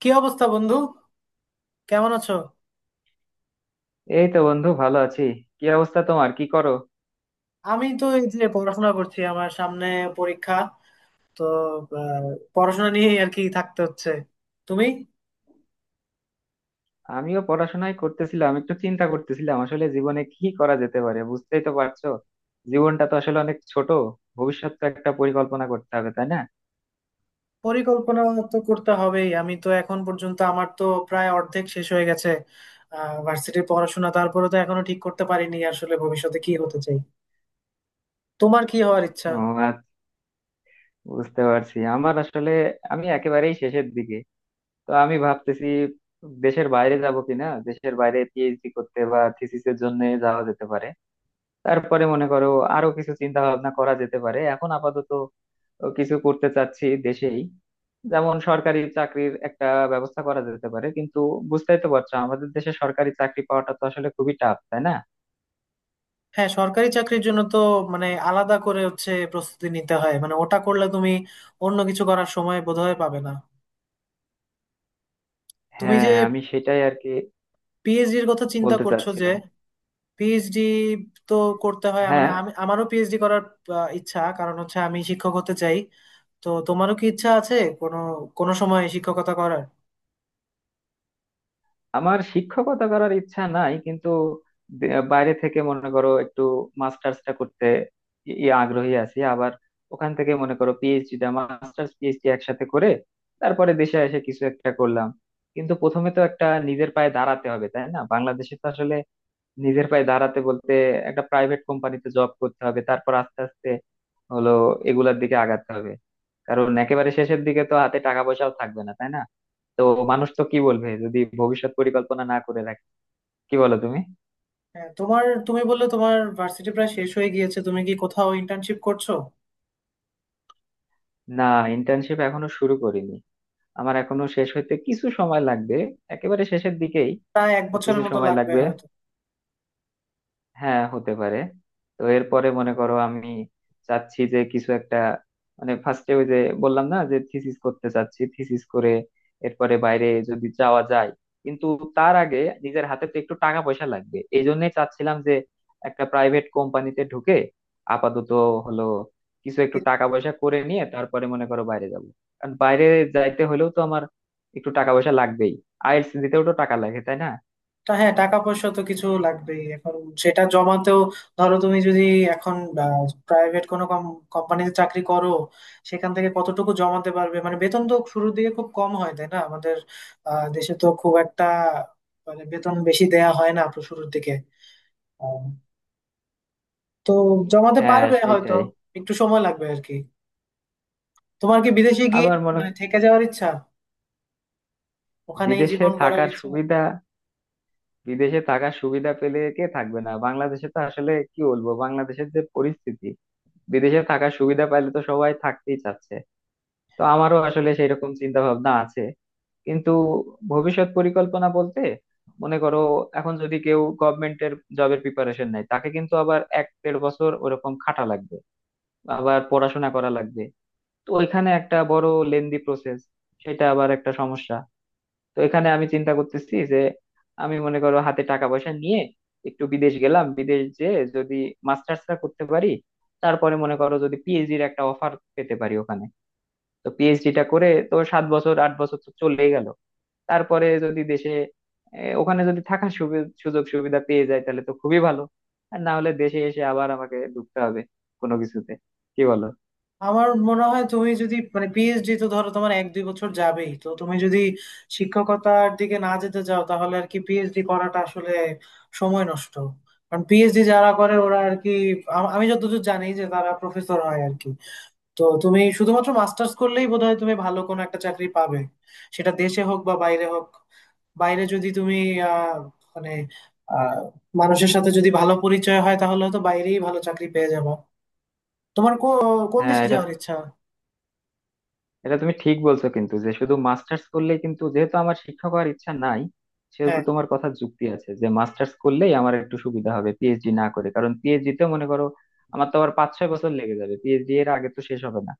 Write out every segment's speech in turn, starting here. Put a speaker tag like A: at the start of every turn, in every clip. A: কি অবস্থা, বন্ধু? কেমন আছো?
B: এই তো বন্ধু, ভালো আছি। কি অবস্থা তোমার? কি করো?
A: আমি তো এই যে পড়াশোনা করছি, আমার সামনে পরীক্ষা। তো আহ, পড়াশোনা নিয়েই আর কি থাকতে হচ্ছে। তুমি?
B: আমিও পড়াশোনায় করতেছিলাম, একটু চিন্তা করতেছিলাম আসলে জীবনে কি করা যেতে পারে, বুঝতেই তো পারছো। জীবনটা তো আসলে অনেক ছোট। ভবিষ্যৎ তো একটা পরিকল্পনা করতে হবে, তাই না?
A: পরিকল্পনা তো করতে হবেই। আমি তো এখন পর্যন্ত আমার তো প্রায় অর্ধেক শেষ হয়ে গেছে ভার্সিটির পড়াশোনা। তারপরে তো এখনো ঠিক করতে পারিনি আসলে ভবিষ্যতে কি হতে চাই। তোমার কি হওয়ার ইচ্ছা?
B: ও, আচ্ছা, বুঝতে পারছি। আমার আসলে, আমি একেবারেই শেষের দিকে। তো আমি ভাবতেছি দেশের বাইরে যাব কিনা, দেশের বাইরে পিএইচডি করতে বা থিসিসের জন্য যাওয়া যেতে পারে। তারপরে মনে করো আরো কিছু চিন্তা ভাবনা করা যেতে পারে। এখন আপাতত কিছু করতে চাচ্ছি দেশেই। যেমন সরকারি চাকরির একটা ব্যবস্থা করা যেতে পারে, কিন্তু বুঝতেই তো পারছো, আমাদের দেশে সরকারি চাকরি পাওয়াটা তো আসলে খুবই টাফ, তাই না?
A: হ্যাঁ, সরকারি চাকরির জন্য তো মানে আলাদা করে হচ্ছে প্রস্তুতি নিতে হয়, মানে ওটা করলে তুমি অন্য কিছু করার সময় বোধহয় পাবে না। তুমি
B: হ্যাঁ,
A: যে
B: আমি সেটাই আর কি
A: পিএইচডির কথা চিন্তা
B: বলতে
A: করছো, যে
B: চাচ্ছিলাম।
A: পিএইচডি তো করতে হয়, মানে
B: হ্যাঁ,
A: আমি আমারও পিএইচডি করার ইচ্ছা। কারণ হচ্ছে আমি শিক্ষক হতে চাই। তো তোমারও কি ইচ্ছা আছে কোনো কোনো সময় শিক্ষকতা করার?
B: আমার শিক্ষকতা করার ইচ্ছা নাই, কিন্তু বাইরে থেকে মনে করো একটু মাস্টার্সটা করতে ই- ই আগ্রহী আছি। আবার ওখান থেকে মনে করো পিএইচডিটা, মাস্টার্স পিএইচডি একসাথে করে তারপরে দেশে এসে কিছু একটা করলাম। কিন্তু প্রথমে তো একটা নিজের পায়ে দাঁড়াতে হবে, তাই না? বাংলাদেশে তো আসলে নিজের পায়ে দাঁড়াতে বলতে একটা প্রাইভেট কোম্পানিতে জব করতে হবে, তারপর আস্তে আস্তে হলো এগুলার দিকে আগাতে হবে। কারণ একেবারে শেষের দিকে তো হাতে টাকা পয়সাও থাকবে না, তাই না? তো মানুষ তো কি বলবে যদি ভবিষ্যৎ পরিকল্পনা না করে রাখে? কি বলো তুমি?
A: হ্যাঁ, তোমার তুমি বললে তোমার ভার্সিটি প্রায় শেষ হয়ে গিয়েছে, তুমি কি কোথাও ইন্টার্নশিপ করছো?
B: না, ইন্টার্নশিপ এখনো শুরু করিনি। আমার এখনো শেষ হইতে কিছু সময় লাগবে, একেবারে শেষের দিকেই।
A: প্রায় এক
B: তো কিছু
A: বছরের মতো
B: সময়
A: লাগবে
B: লাগবে।
A: হয়তো।
B: হ্যাঁ, হতে পারে। তো এরপরে মনে করো আমি চাচ্ছি যে কিছু একটা, মানে ফার্স্টে ওই যে বললাম না যে থিসিস করতে চাচ্ছি, থিসিস করে এরপরে বাইরে যদি যাওয়া যায়। কিন্তু তার আগে নিজের হাতে তো একটু টাকা পয়সা লাগবে, এই জন্যই চাচ্ছিলাম যে একটা প্রাইভেট কোম্পানিতে ঢুকে আপাতত হলো কিছু একটু টাকা পয়সা করে নিয়ে তারপরে মনে করো বাইরে যাব। কারণ বাইরে যাইতে হলেও তো আমার একটু টাকা পয়সা লাগবেই। আইএলটিএস দিতেও তো টাকা লাগে, তাই না?
A: তা হ্যাঁ, টাকা পয়সা তো কিছু লাগবেই এখন, সেটা জমাতেও। ধরো তুমি যদি এখন প্রাইভেট কোনো কোম্পানিতে চাকরি করো, সেখান থেকে কতটুকু জমাতে পারবে? মানে বেতন তো শুরুর দিকে খুব কম হয় তাই না আমাদের দেশে। তো খুব একটা মানে বেতন বেশি দেয়া হয় না তো শুরুর দিকে। আহ, তো জমাতে
B: হ্যাঁ,
A: পারবে হয়তো,
B: সেটাই।
A: একটু সময় লাগবে আর কি। তোমার কি বিদেশে গিয়ে
B: আবার মনে,
A: মানে থেকে যাওয়ার ইচ্ছা, ওখানেই
B: বিদেশে
A: জীবন গড়ার
B: থাকার
A: ইচ্ছা?
B: সুবিধা বিদেশে থাকার সুবিধা পেলে কে থাকবে না? বাংলাদেশে তো আসলে কি বলবো, বাংলাদেশের যে পরিস্থিতি, বিদেশে থাকার সুবিধা পাইলে তো সবাই থাকতেই চাচ্ছে। তো আমারও আসলে সেই রকম চিন্তা ভাবনা আছে। কিন্তু ভবিষ্যৎ পরিকল্পনা বলতে, মনে করো এখন যদি কেউ গভর্নমেন্টের জবের প্রিপারেশন নেয়, তাকে কিন্তু আবার এক দেড় বছর ওরকম খাটা লাগবে, আবার পড়াশোনা করা লাগবে। তো ওইখানে একটা বড় লেন্দি প্রসেস, সেটা আবার একটা সমস্যা। তো এখানে আমি চিন্তা করতেছি যে আমি মনে করো হাতে টাকা পয়সা নিয়ে একটু বিদেশ গেলাম, বিদেশ যে যদি মাস্টার্সটা করতে পারি, তারপরে মনে করো যদি পিএইচডির একটা অফার পেতে পারি ওখানে, তো পিএইচডিটা করে তো সাত বছর আট বছর তো চলেই গেল। তারপরে যদি দেশে, এ, ওখানে যদি থাকার সুযোগ সুবিধা পেয়ে যায় তাহলে তো খুবই ভালো। আর না হলে দেশে এসে আবার আমাকে ঢুকতে হবে কোনো কিছুতে। কি বলো?
A: আমার মনে হয় তুমি যদি মানে পিএইচডি তো ধরো তোমার এক দুই বছর যাবেই, তো তুমি যদি শিক্ষকতার দিকে না যেতে চাও তাহলে আর কি পিএইচডি করাটা আসলে সময় নষ্ট। কারণ পিএইচডি যারা করে ওরা আর কি, আমি যতদূর জানি যে তারা প্রফেসর হয় আর কি। তো তুমি শুধুমাত্র মাস্টার্স করলেই বোধহয় তুমি ভালো কোনো একটা চাকরি পাবে, সেটা দেশে হোক বা বাইরে হোক। বাইরে যদি তুমি আহ মানে আহ মানুষের সাথে যদি ভালো পরিচয় হয় তাহলে তো বাইরেই ভালো চাকরি পেয়ে যাবা। তোমার কোন
B: হ্যাঁ,
A: দেশে
B: এটা
A: যাওয়ার ইচ্ছা?
B: এটা তুমি ঠিক বলছো, কিন্তু যে শুধু মাস্টার্স করলেই, কিন্তু যেহেতু আমার শিক্ষক হওয়ার ইচ্ছা নাই, সেহেতু
A: হ্যাঁ,
B: তোমার কথা যুক্তি আছে যে মাস্টার্স করলেই আমার একটু সুবিধা হবে পিএইচডি না করে। কারণ পিএইচডি তে মনে করো আমার তো আবার পাঁচ ছয় বছর লেগে যাবে, পিএইচডি এর আগে তো শেষ হবে না।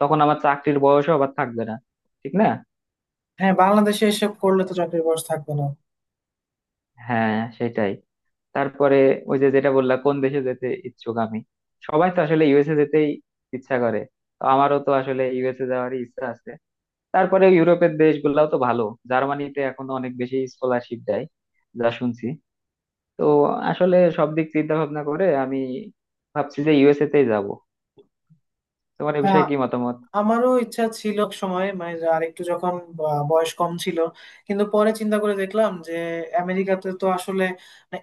B: তখন আমার চাকরির বয়সও আবার থাকবে না, ঠিক না?
A: হ্যাঁ, বাংলাদেশে এসব করলে তো চাকরির বয়স থাকবে না।
B: হ্যাঁ, সেটাই। তারপরে ওই যে যেটা বললা, কোন দেশে যেতে ইচ্ছুক আমি। সবাই তো আসলে ইউএসএ যেতেই ইচ্ছা করে, তো আমারও তো আসলে ইউএসএ যাওয়ারই ইচ্ছা আছে। তারপরে ইউরোপের দেশগুলাও তো ভালো। জার্মানিতে এখনো অনেক বেশি স্কলারশিপ দেয়, যা শুনছি। তো আসলে সব দিক চিন্তা ভাবনা করে আমি ভাবছি যে ইউএসএ তেই যাবো। তোমার এ
A: হ্যাঁ,
B: বিষয়ে কি মতামত?
A: আমারও ইচ্ছা ছিল এক সময়, মানে আর একটু যখন বয়স কম ছিল। কিন্তু পরে চিন্তা করে দেখলাম যে আমেরিকাতে তো আসলে মানে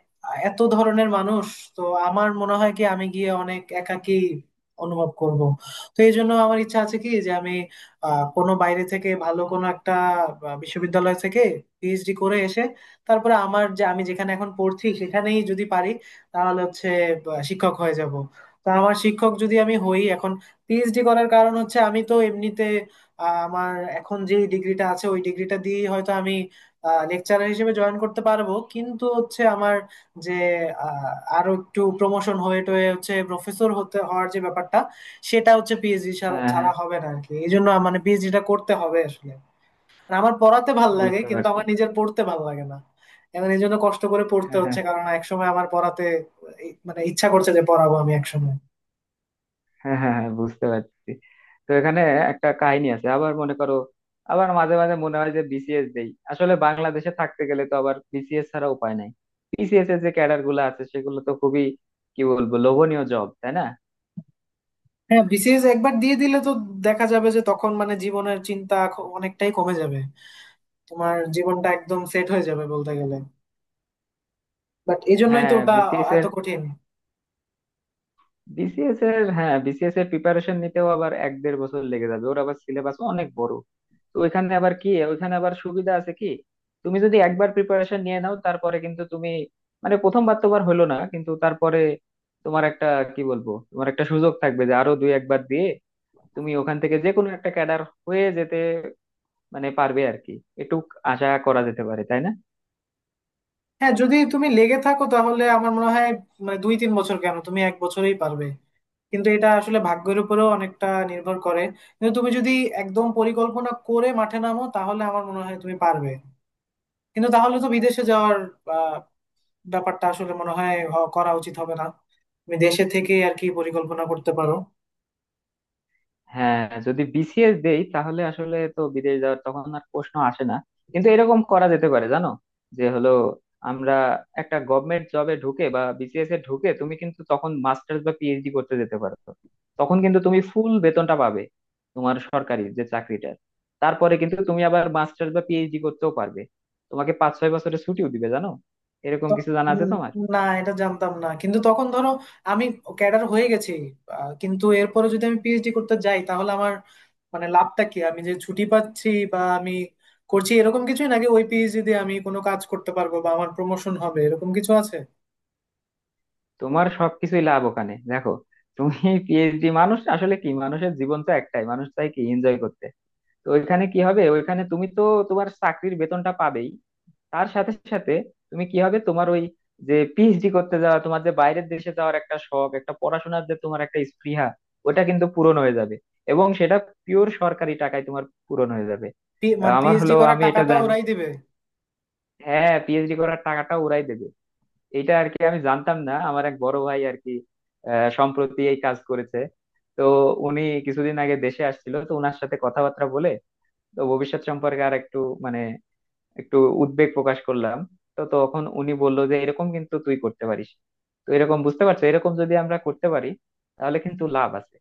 A: এত ধরনের মানুষ, তো আমার মনে হয় কি আমি গিয়ে অনেক একাকী অনুভব করব। তো এই জন্য আমার ইচ্ছা আছে কি যে আমি কোনো বাইরে থেকে ভালো কোনো একটা বিশ্ববিদ্যালয় থেকে পিএইচডি করে এসে, তারপরে আমার যে আমি যেখানে এখন পড়ছি সেখানেই যদি পারি, তাহলে হচ্ছে শিক্ষক হয়ে যাব। তো আমার শিক্ষক যদি আমি হই এখন, পিএইচডি করার কারণ হচ্ছে আমি তো এমনিতে আমার এখন যে ডিগ্রিটা আছে ওই ডিগ্রিটা দিয়ে হয়তো আমি লেকচারার হিসেবে জয়েন করতে পারবো, কিন্তু হচ্ছে আমার যে আহ, আরো একটু প্রমোশন হয়ে টয়ে হচ্ছে প্রফেসর হতে হওয়ার যে ব্যাপারটা, সেটা হচ্ছে পিএইচডি
B: হ্যাঁ
A: ছাড়া
B: হ্যাঁ,
A: হবে না আর কি। এই জন্য মানে পিএইচডিটা করতে হবে আসলে। আর আমার পড়াতে ভাল লাগে,
B: বুঝতে
A: কিন্তু
B: পারছি।
A: আমার নিজের পড়তে ভাল লাগে না। এখন এই জন্য কষ্ট করে পড়তে
B: হ্যাঁ হ্যাঁ
A: হচ্ছে কারণ একসময় আমার পড়াতে মানে ইচ্ছা করছে যে পড়াবো আমি একসময়।
B: হ্যাঁ হ্যাঁ হ্যাঁ, বুঝতে পারছি। তো এখানে একটা কাহিনী আছে আবার, মনে করো আবার মাঝে মাঝে মনে হয় যে বিসিএস দেই। আসলে বাংলাদেশে থাকতে গেলে তো আবার বিসিএস ছাড়া উপায় নাই। বিসিএস এর যে ক্যাডার গুলো আছে সেগুলো তো খুবই কি বলবো, লোভনীয় জব, তাই না?
A: হ্যাঁ, বিসিএস একবার দিয়ে দিলে তো দেখা যাবে যে তখন মানে জীবনের চিন্তা অনেকটাই কমে যাবে, তোমার জীবনটা একদম সেট হয়ে যাবে বলতে গেলে। বাট এই জন্যই তো
B: হ্যাঁ
A: ওটা
B: বিসিএস
A: এত কঠিন।
B: বিসিএস এর হ্যাঁ, বিসিএস এর প্রিপারেশন নিতেও আবার এক দেড় বছর লেগে যাবে, ওর আবার সিলেবাস অনেক বড়। তো ওইখানে আবার সুবিধা আছে কি, তুমি যদি একবার প্রিপারেশন নিয়ে নাও, তারপরে কিন্তু তুমি, মানে প্রথমবার তোমার হলো না, কিন্তু তারপরে তোমার একটা, কি বলবো, তোমার একটা সুযোগ থাকবে যে আরো দুই একবার দিয়ে তুমি ওখান থেকে যে কোনো একটা ক্যাডার হয়ে যেতে মানে পারবে আর কি। একটু আশা করা যেতে পারে, তাই না?
A: হ্যাঁ, যদি তুমি লেগে থাকো তাহলে আমার মনে হয় মানে 2 3 বছর কেন, তুমি এক বছরেই পারবে। কিন্তু এটা আসলে ভাগ্যের উপরেও অনেকটা নির্ভর করে। কিন্তু তুমি যদি একদম পরিকল্পনা করে মাঠে নামো তাহলে আমার মনে হয় তুমি পারবে। কিন্তু তাহলে তো বিদেশে যাওয়ার আহ, ব্যাপারটা আসলে মনে হয় করা উচিত হবে না। তুমি দেশে থেকে আর কি পরিকল্পনা করতে পারো।
B: হ্যাঁ, যদি বিসিএস দেই তাহলে আসলে তো বিদেশ যাওয়ার তখন আর প্রশ্ন আসে না। কিন্তু এরকম করা যেতে পারে জানো, যে হলো আমরা একটা গভর্নমেন্ট জবে ঢুকে বা বিসিএস এ ঢুকে তুমি কিন্তু তখন মাস্টার্স বা পিএইচডি করতে যেতে পারো। তখন কিন্তু তুমি ফুল বেতনটা পাবে তোমার সরকারি যে চাকরিটার। তারপরে কিন্তু তুমি আবার মাস্টার্স বা পিএইচডি করতেও পারবে। তোমাকে পাঁচ ছয় বছরের ছুটিও দিবে, জানো? এরকম
A: তো
B: কিছু জানা আছে
A: উম,
B: তোমার?
A: না এটা জানতাম না, কিন্তু তখন ধরো আমি ক্যাডার হয়ে গেছি কিন্তু এরপরে যদি আমি পিএইচডি করতে যাই তাহলে আমার মানে লাভটা কি? আমি যে ছুটি পাচ্ছি বা আমি করছি এরকম কিছুই, নাকি ওই পিএইচডি দিয়ে আমি কোনো কাজ করতে পারবো বা আমার প্রমোশন হবে এরকম কিছু আছে?
B: তোমার সবকিছুই লাভ ওখানে, দেখো। তুমি পিএইচডি, মানুষ আসলে কি, মানুষের জীবন তো একটাই, মানুষ চাই কি এনজয় করতে। তো ওইখানে কি হবে, ওইখানে তুমি তো তোমার চাকরির বেতনটা পাবেই। তার সাথে সাথে তুমি, কি হবে, তোমার ওই যে পিএইচডি করতে যাওয়া, তোমার যে বাইরের দেশে যাওয়ার একটা শখ, একটা পড়াশোনার যে তোমার একটা স্পৃহা, ওটা কিন্তু পূরণ হয়ে যাবে। এবং সেটা পিওর সরকারি টাকায় তোমার পূরণ হয়ে যাবে।
A: মানে
B: আমার
A: পিএইচডি
B: হলো,
A: করার
B: আমি এটা
A: টাকাটা
B: জানি।
A: ওরাই দিবে?
B: হ্যাঁ, পিএইচডি করার টাকাটা ওরাই দেবে। এটা আর কি আমি জানতাম না, আমার এক বড় ভাই আর কি সম্প্রতি এই কাজ করেছে। তো উনি কিছুদিন আগে দেশে আসছিল, তো ওনার সাথে কথাবার্তা বলে তো ভবিষ্যৎ সম্পর্কে আর একটু, মানে একটু উদ্বেগ প্রকাশ করলাম। তো তখন উনি বলল যে এরকম কিন্তু তুই করতে পারিস। তো এরকম, বুঝতে পারছো, এরকম যদি আমরা করতে পারি তাহলে কিন্তু লাভ আছে।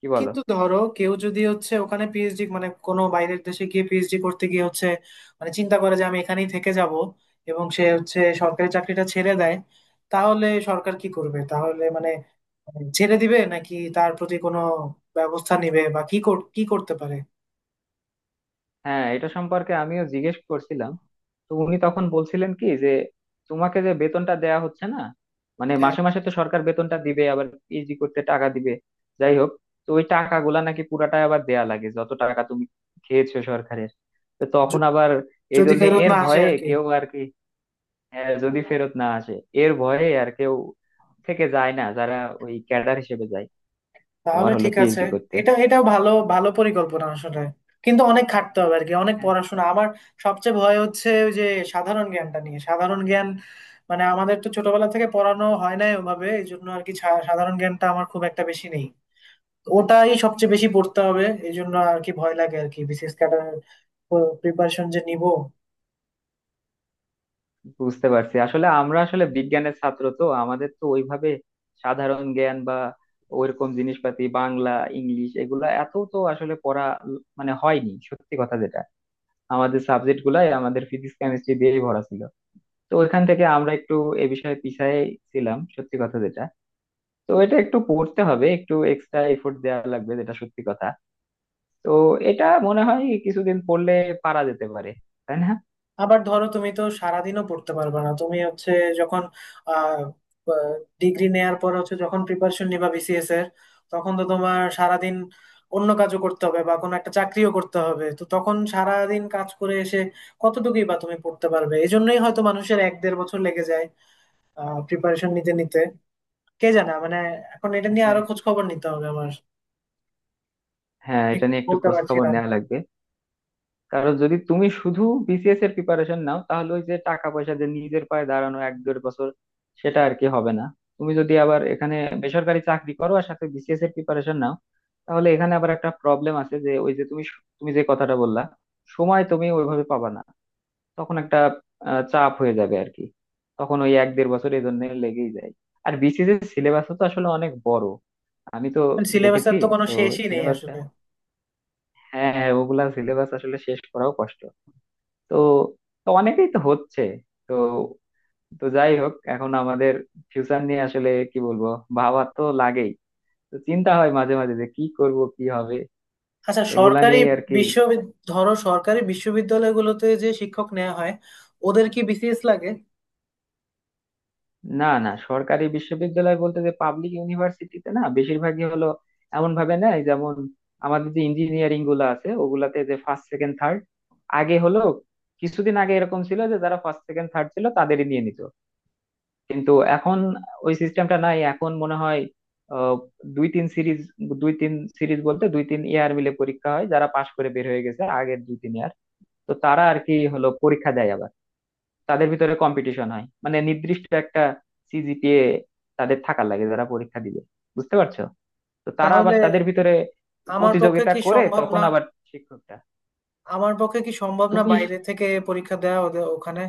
B: কি বলো?
A: কিন্তু ধরো কেউ যদি হচ্ছে ওখানে পিএইচডি মানে কোনো বাইরের দেশে গিয়ে পিএইচডি করতে গিয়ে হচ্ছে মানে চিন্তা করে যে আমি এখানেই থেকে যাব, এবং সে হচ্ছে সরকারি চাকরিটা ছেড়ে দেয়, তাহলে সরকার কি করবে? তাহলে মানে ছেড়ে দিবে, নাকি তার প্রতি কোনো ব্যবস্থা নিবে, বা কি কি করতে পারে?
B: হ্যাঁ, এটা সম্পর্কে আমিও জিজ্ঞেস করছিলাম। তো উনি তখন বলছিলেন কি যে তোমাকে যে বেতনটা দেয়া হচ্ছে না, মানে
A: হ্যাঁ,
B: মাসে মাসে তো সরকার বেতনটা দিবে, আবার পিএইচডি করতে টাকা দিবে। যাই হোক, তো ওই টাকাগুলা নাকি পুরাটাই আবার দেয়া লাগে, যত টাকা তুমি খেয়েছো সরকারের। তো তখন
A: য-
B: আবার এই
A: যদি
B: জন্য,
A: ফেরত
B: এর
A: না আসে
B: ভয়ে
A: আর কি।
B: কেউ আর কি, যদি ফেরত না আসে, এর ভয়ে আর কেউ থেকে যায় না যারা ওই ক্যাডার হিসেবে যায়। তোমার
A: তাহলে
B: হলো
A: ঠিক আছে।
B: পিএইচডি করতে।
A: এটা এটা ভালো ভালো পরিকল্পনা আসলে, কিন্তু অনেক খাটতে হবে আর কি, অনেক পড়াশোনা। আমার সবচেয়ে ভয় হচ্ছে ওই যে সাধারণ জ্ঞানটা নিয়ে। সাধারণ জ্ঞান মানে আমাদের তো ছোটবেলা থেকে পড়ানো হয় নাই ওভাবে, এই জন্য আর কি সাধারণ জ্ঞানটা আমার খুব একটা বেশি নেই। ওটাই সবচেয়ে বেশি পড়তে হবে, এই জন্য আর কি ভয় লাগে আর কি বিসিএস ক্যাডার প্রিপারেশন যে নিব।
B: বুঝতে পারছি, আসলে আমরা আসলে বিজ্ঞানের ছাত্র তো, আমাদের তো ওইভাবে সাধারণ জ্ঞান বা ওইরকম জিনিসপাতি, বাংলা, ইংলিশ, এগুলা এত তো আসলে পড়া মানে হয়নি, সত্যি কথা যেটা। আমাদের সাবজেক্ট গুলাই আমাদের ফিজিক্স কেমিস্ট্রি দিয়েই ভরা ছিল। তো ওইখান থেকে আমরা একটু এ বিষয়ে পিছায় ছিলাম, সত্যি কথা যেটা। তো এটা একটু পড়তে হবে, একটু এক্সট্রা এফোর্ট দেওয়া লাগবে, যেটা সত্যি কথা। তো এটা মনে হয় কিছুদিন পড়লে পারা যেতে পারে, তাই না?
A: আবার ধরো তুমি তো সারাদিনও পড়তে পারবে না। তুমি হচ্ছে যখন আহ ডিগ্রি নেয়ার পর হচ্ছে যখন প্রিপারেশন নিবা বিসিএস এর, তখন তো তোমার সারাদিন অন্য কাজও করতে হবে বা কোনো একটা চাকরিও করতে হবে। তো তখন সারাদিন কাজ করে এসে কতটুকুই বা তুমি পড়তে পারবে? এই জন্যই হয়তো মানুষের 1 দেড় বছর লেগে যায় প্রিপারেশন নিতে নিতে। কে জানে মানে এখন এটা নিয়ে আরো
B: হ্যাঁ
A: খোঁজ খবর নিতে হবে আমার।
B: হ্যাঁ,
A: ঠিক
B: এটা নিয়ে একটু
A: বলতে
B: খোঁজ
A: পারছি
B: খবর
A: না।
B: নেওয়া লাগবে। কারণ যদি তুমি শুধু বিসিএস এর প্রিপারেশন নাও তাহলে ওই যে টাকা পয়সা দিয়ে নিজের পায়ে দাঁড়ানো এক দেড় বছর, সেটা আর কি হবে না। তুমি যদি আবার এখানে বেসরকারি চাকরি করো আর সাথে বিসিএস এর প্রিপারেশন নাও, তাহলে এখানে আবার একটা প্রবলেম আছে যে ওই যে তুমি তুমি যে কথাটা বললা, সময় তুমি ওইভাবে পাবা না। তখন একটা চাপ হয়ে যাবে আর কি। তখন ওই এক দেড় বছর এই জন্য লেগেই যায়। আর বিসিএস এর সিলেবাস তো আসলে অনেক বড়, আমি তো
A: সিলেবাসের
B: দেখেছি।
A: তো কোনো
B: তো
A: শেষই নেই
B: সিলেবাসটা,
A: আসলে।
B: হ্যাঁ হ্যাঁ, ওগুলা সিলেবাস আসলে শেষ করাও কষ্ট। তো তো অনেকেই তো হচ্ছে, তো তো যাই হোক, এখন আমাদের ফিউচার নিয়ে আসলে কি বলবো, ভাবা তো লাগেই। তো চিন্তা হয় মাঝে মাঝে যে কি করব, কি হবে,
A: আচ্ছা,
B: এগুলা
A: সরকারি
B: নিয়েই আর কি।
A: বিশ্ববিদ্যালয় ধরো, সরকারি বিশ্ববিদ্যালয়গুলোতে যে শিক্ষক নেওয়া হয় ওদের কি বিসিএস লাগে?
B: না না, সরকারি বিশ্ববিদ্যালয় বলতে যে পাবলিক ইউনিভার্সিটিতে, না, বেশিরভাগই হলো এমন ভাবে নেয়, যেমন আমাদের যে ইঞ্জিনিয়ারিং গুলো আছে ওগুলাতে যে ফার্স্ট সেকেন্ড থার্ড, আগে হলো কিছুদিন আগে এরকম ছিল যে যারা ফার্স্ট সেকেন্ড থার্ড ছিল তাদেরই নিয়ে নিত। কিন্তু এখন ওই সিস্টেমটা নাই এখন মনে হয়। আহ, দুই তিন সিরিজ দুই তিন সিরিজ বলতে দুই তিন ইয়ার মিলে পরীক্ষা হয়, যারা পাশ করে বের হয়ে গেছে আগের দুই তিন ইয়ার, তো তারা আর কি হলো পরীক্ষা দেয় আবার। তাদের ভিতরে কম্পিটিশন হয়, মানে নির্দিষ্ট একটা সিজিপিএ তাদের থাকার লাগে যারা পরীক্ষা দিবে, বুঝতে পারছো? তো তারা
A: তাহলে
B: আবার তাদের ভিতরে
A: আমার পক্ষে
B: প্রতিযোগিতা
A: কি
B: করে
A: সম্ভব
B: তখন
A: না?
B: আবার শিক্ষকটা।
A: আমার পক্ষে কি সম্ভব না
B: তুমি
A: বাইরে থেকে পরীক্ষা দেওয়া ওদের ওখানে?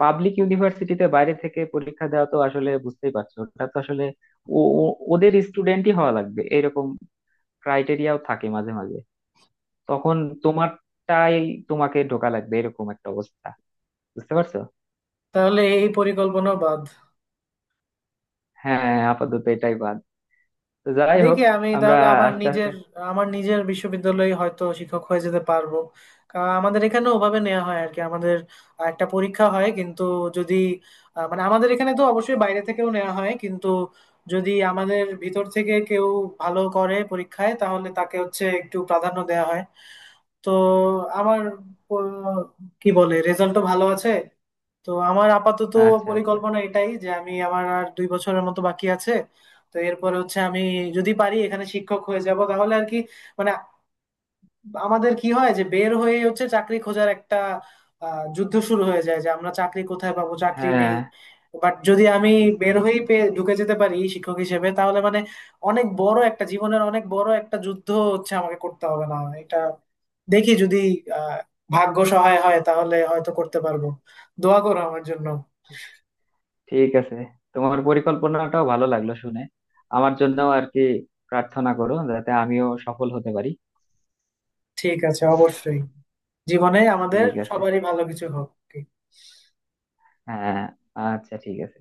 B: পাবলিক ইউনিভার্সিটিতে বাইরে থেকে পরীক্ষা দেওয়া তো আসলে বুঝতেই পারছো, ওটা তো আসলে ওদের স্টুডেন্টই হওয়া লাগবে, এরকম ক্রাইটেরিয়াও থাকে মাঝে মাঝে। তখন তোমারটাই, তোমাকে ঢোকা লাগবে, এরকম একটা অবস্থা, বুঝতে পারছো?
A: তাহলে এই পরিকল্পনা বাদ।
B: হ্যাঁ, আপাতত এটাই বাদ। তো যাই হোক,
A: দেখি আমি
B: আমরা
A: তাহলে আমার
B: আস্তে আস্তে,
A: নিজের আমার নিজের বিশ্ববিদ্যালয়ে হয়তো শিক্ষক হয়ে যেতে পারবো। কারণ আমাদের এখানে ওভাবে নেওয়া হয় আর কি, আমাদের একটা পরীক্ষা হয় কিন্তু। যদি মানে আমাদের এখানে তো অবশ্যই বাইরে থেকেও নেওয়া হয়, কিন্তু যদি আমাদের ভিতর থেকে কেউ ভালো করে পরীক্ষায় তাহলে তাকে হচ্ছে একটু প্রাধান্য দেওয়া হয়। তো আমার আহ, কি বলে, রেজাল্টও ভালো আছে। তো আমার আপাতত
B: আচ্ছা আচ্ছা,
A: পরিকল্পনা এটাই যে আমি আমার আর 2 বছরের মতো বাকি আছে। তো এরপরে হচ্ছে আমি যদি পারি এখানে শিক্ষক হয়ে যাব তাহলে আর কি, মানে আমাদের কি হয় যে বের হয়ে হচ্ছে চাকরি খোঁজার একটা যুদ্ধ শুরু হয়ে যায় যে আমরা চাকরি কোথায় পাবো, চাকরি নেই।
B: হ্যাঁ,
A: বাট যদি আমি
B: বুঝতে
A: বের হয়েই
B: পারছি।
A: পেয়ে ঢুকে যেতে পারি শিক্ষক হিসেবে তাহলে মানে অনেক বড় একটা জীবনের, অনেক বড় একটা যুদ্ধ হচ্ছে আমাকে করতে হবে না এটা। দেখি যদি আহ ভাগ্য সহায় হয় তাহলে হয়তো করতে পারবো। দোয়া করো আমার জন্য।
B: ঠিক আছে, তোমার পরিকল্পনাটাও ভালো লাগলো শুনে। আমার জন্য আর কি প্রার্থনা করো, যাতে আমিও সফল হতে পারি।
A: ঠিক আছে, অবশ্যই। জীবনে আমাদের
B: ঠিক আছে।
A: সবারই ভালো কিছু হোক।
B: হ্যাঁ। আচ্ছা, ঠিক আছে।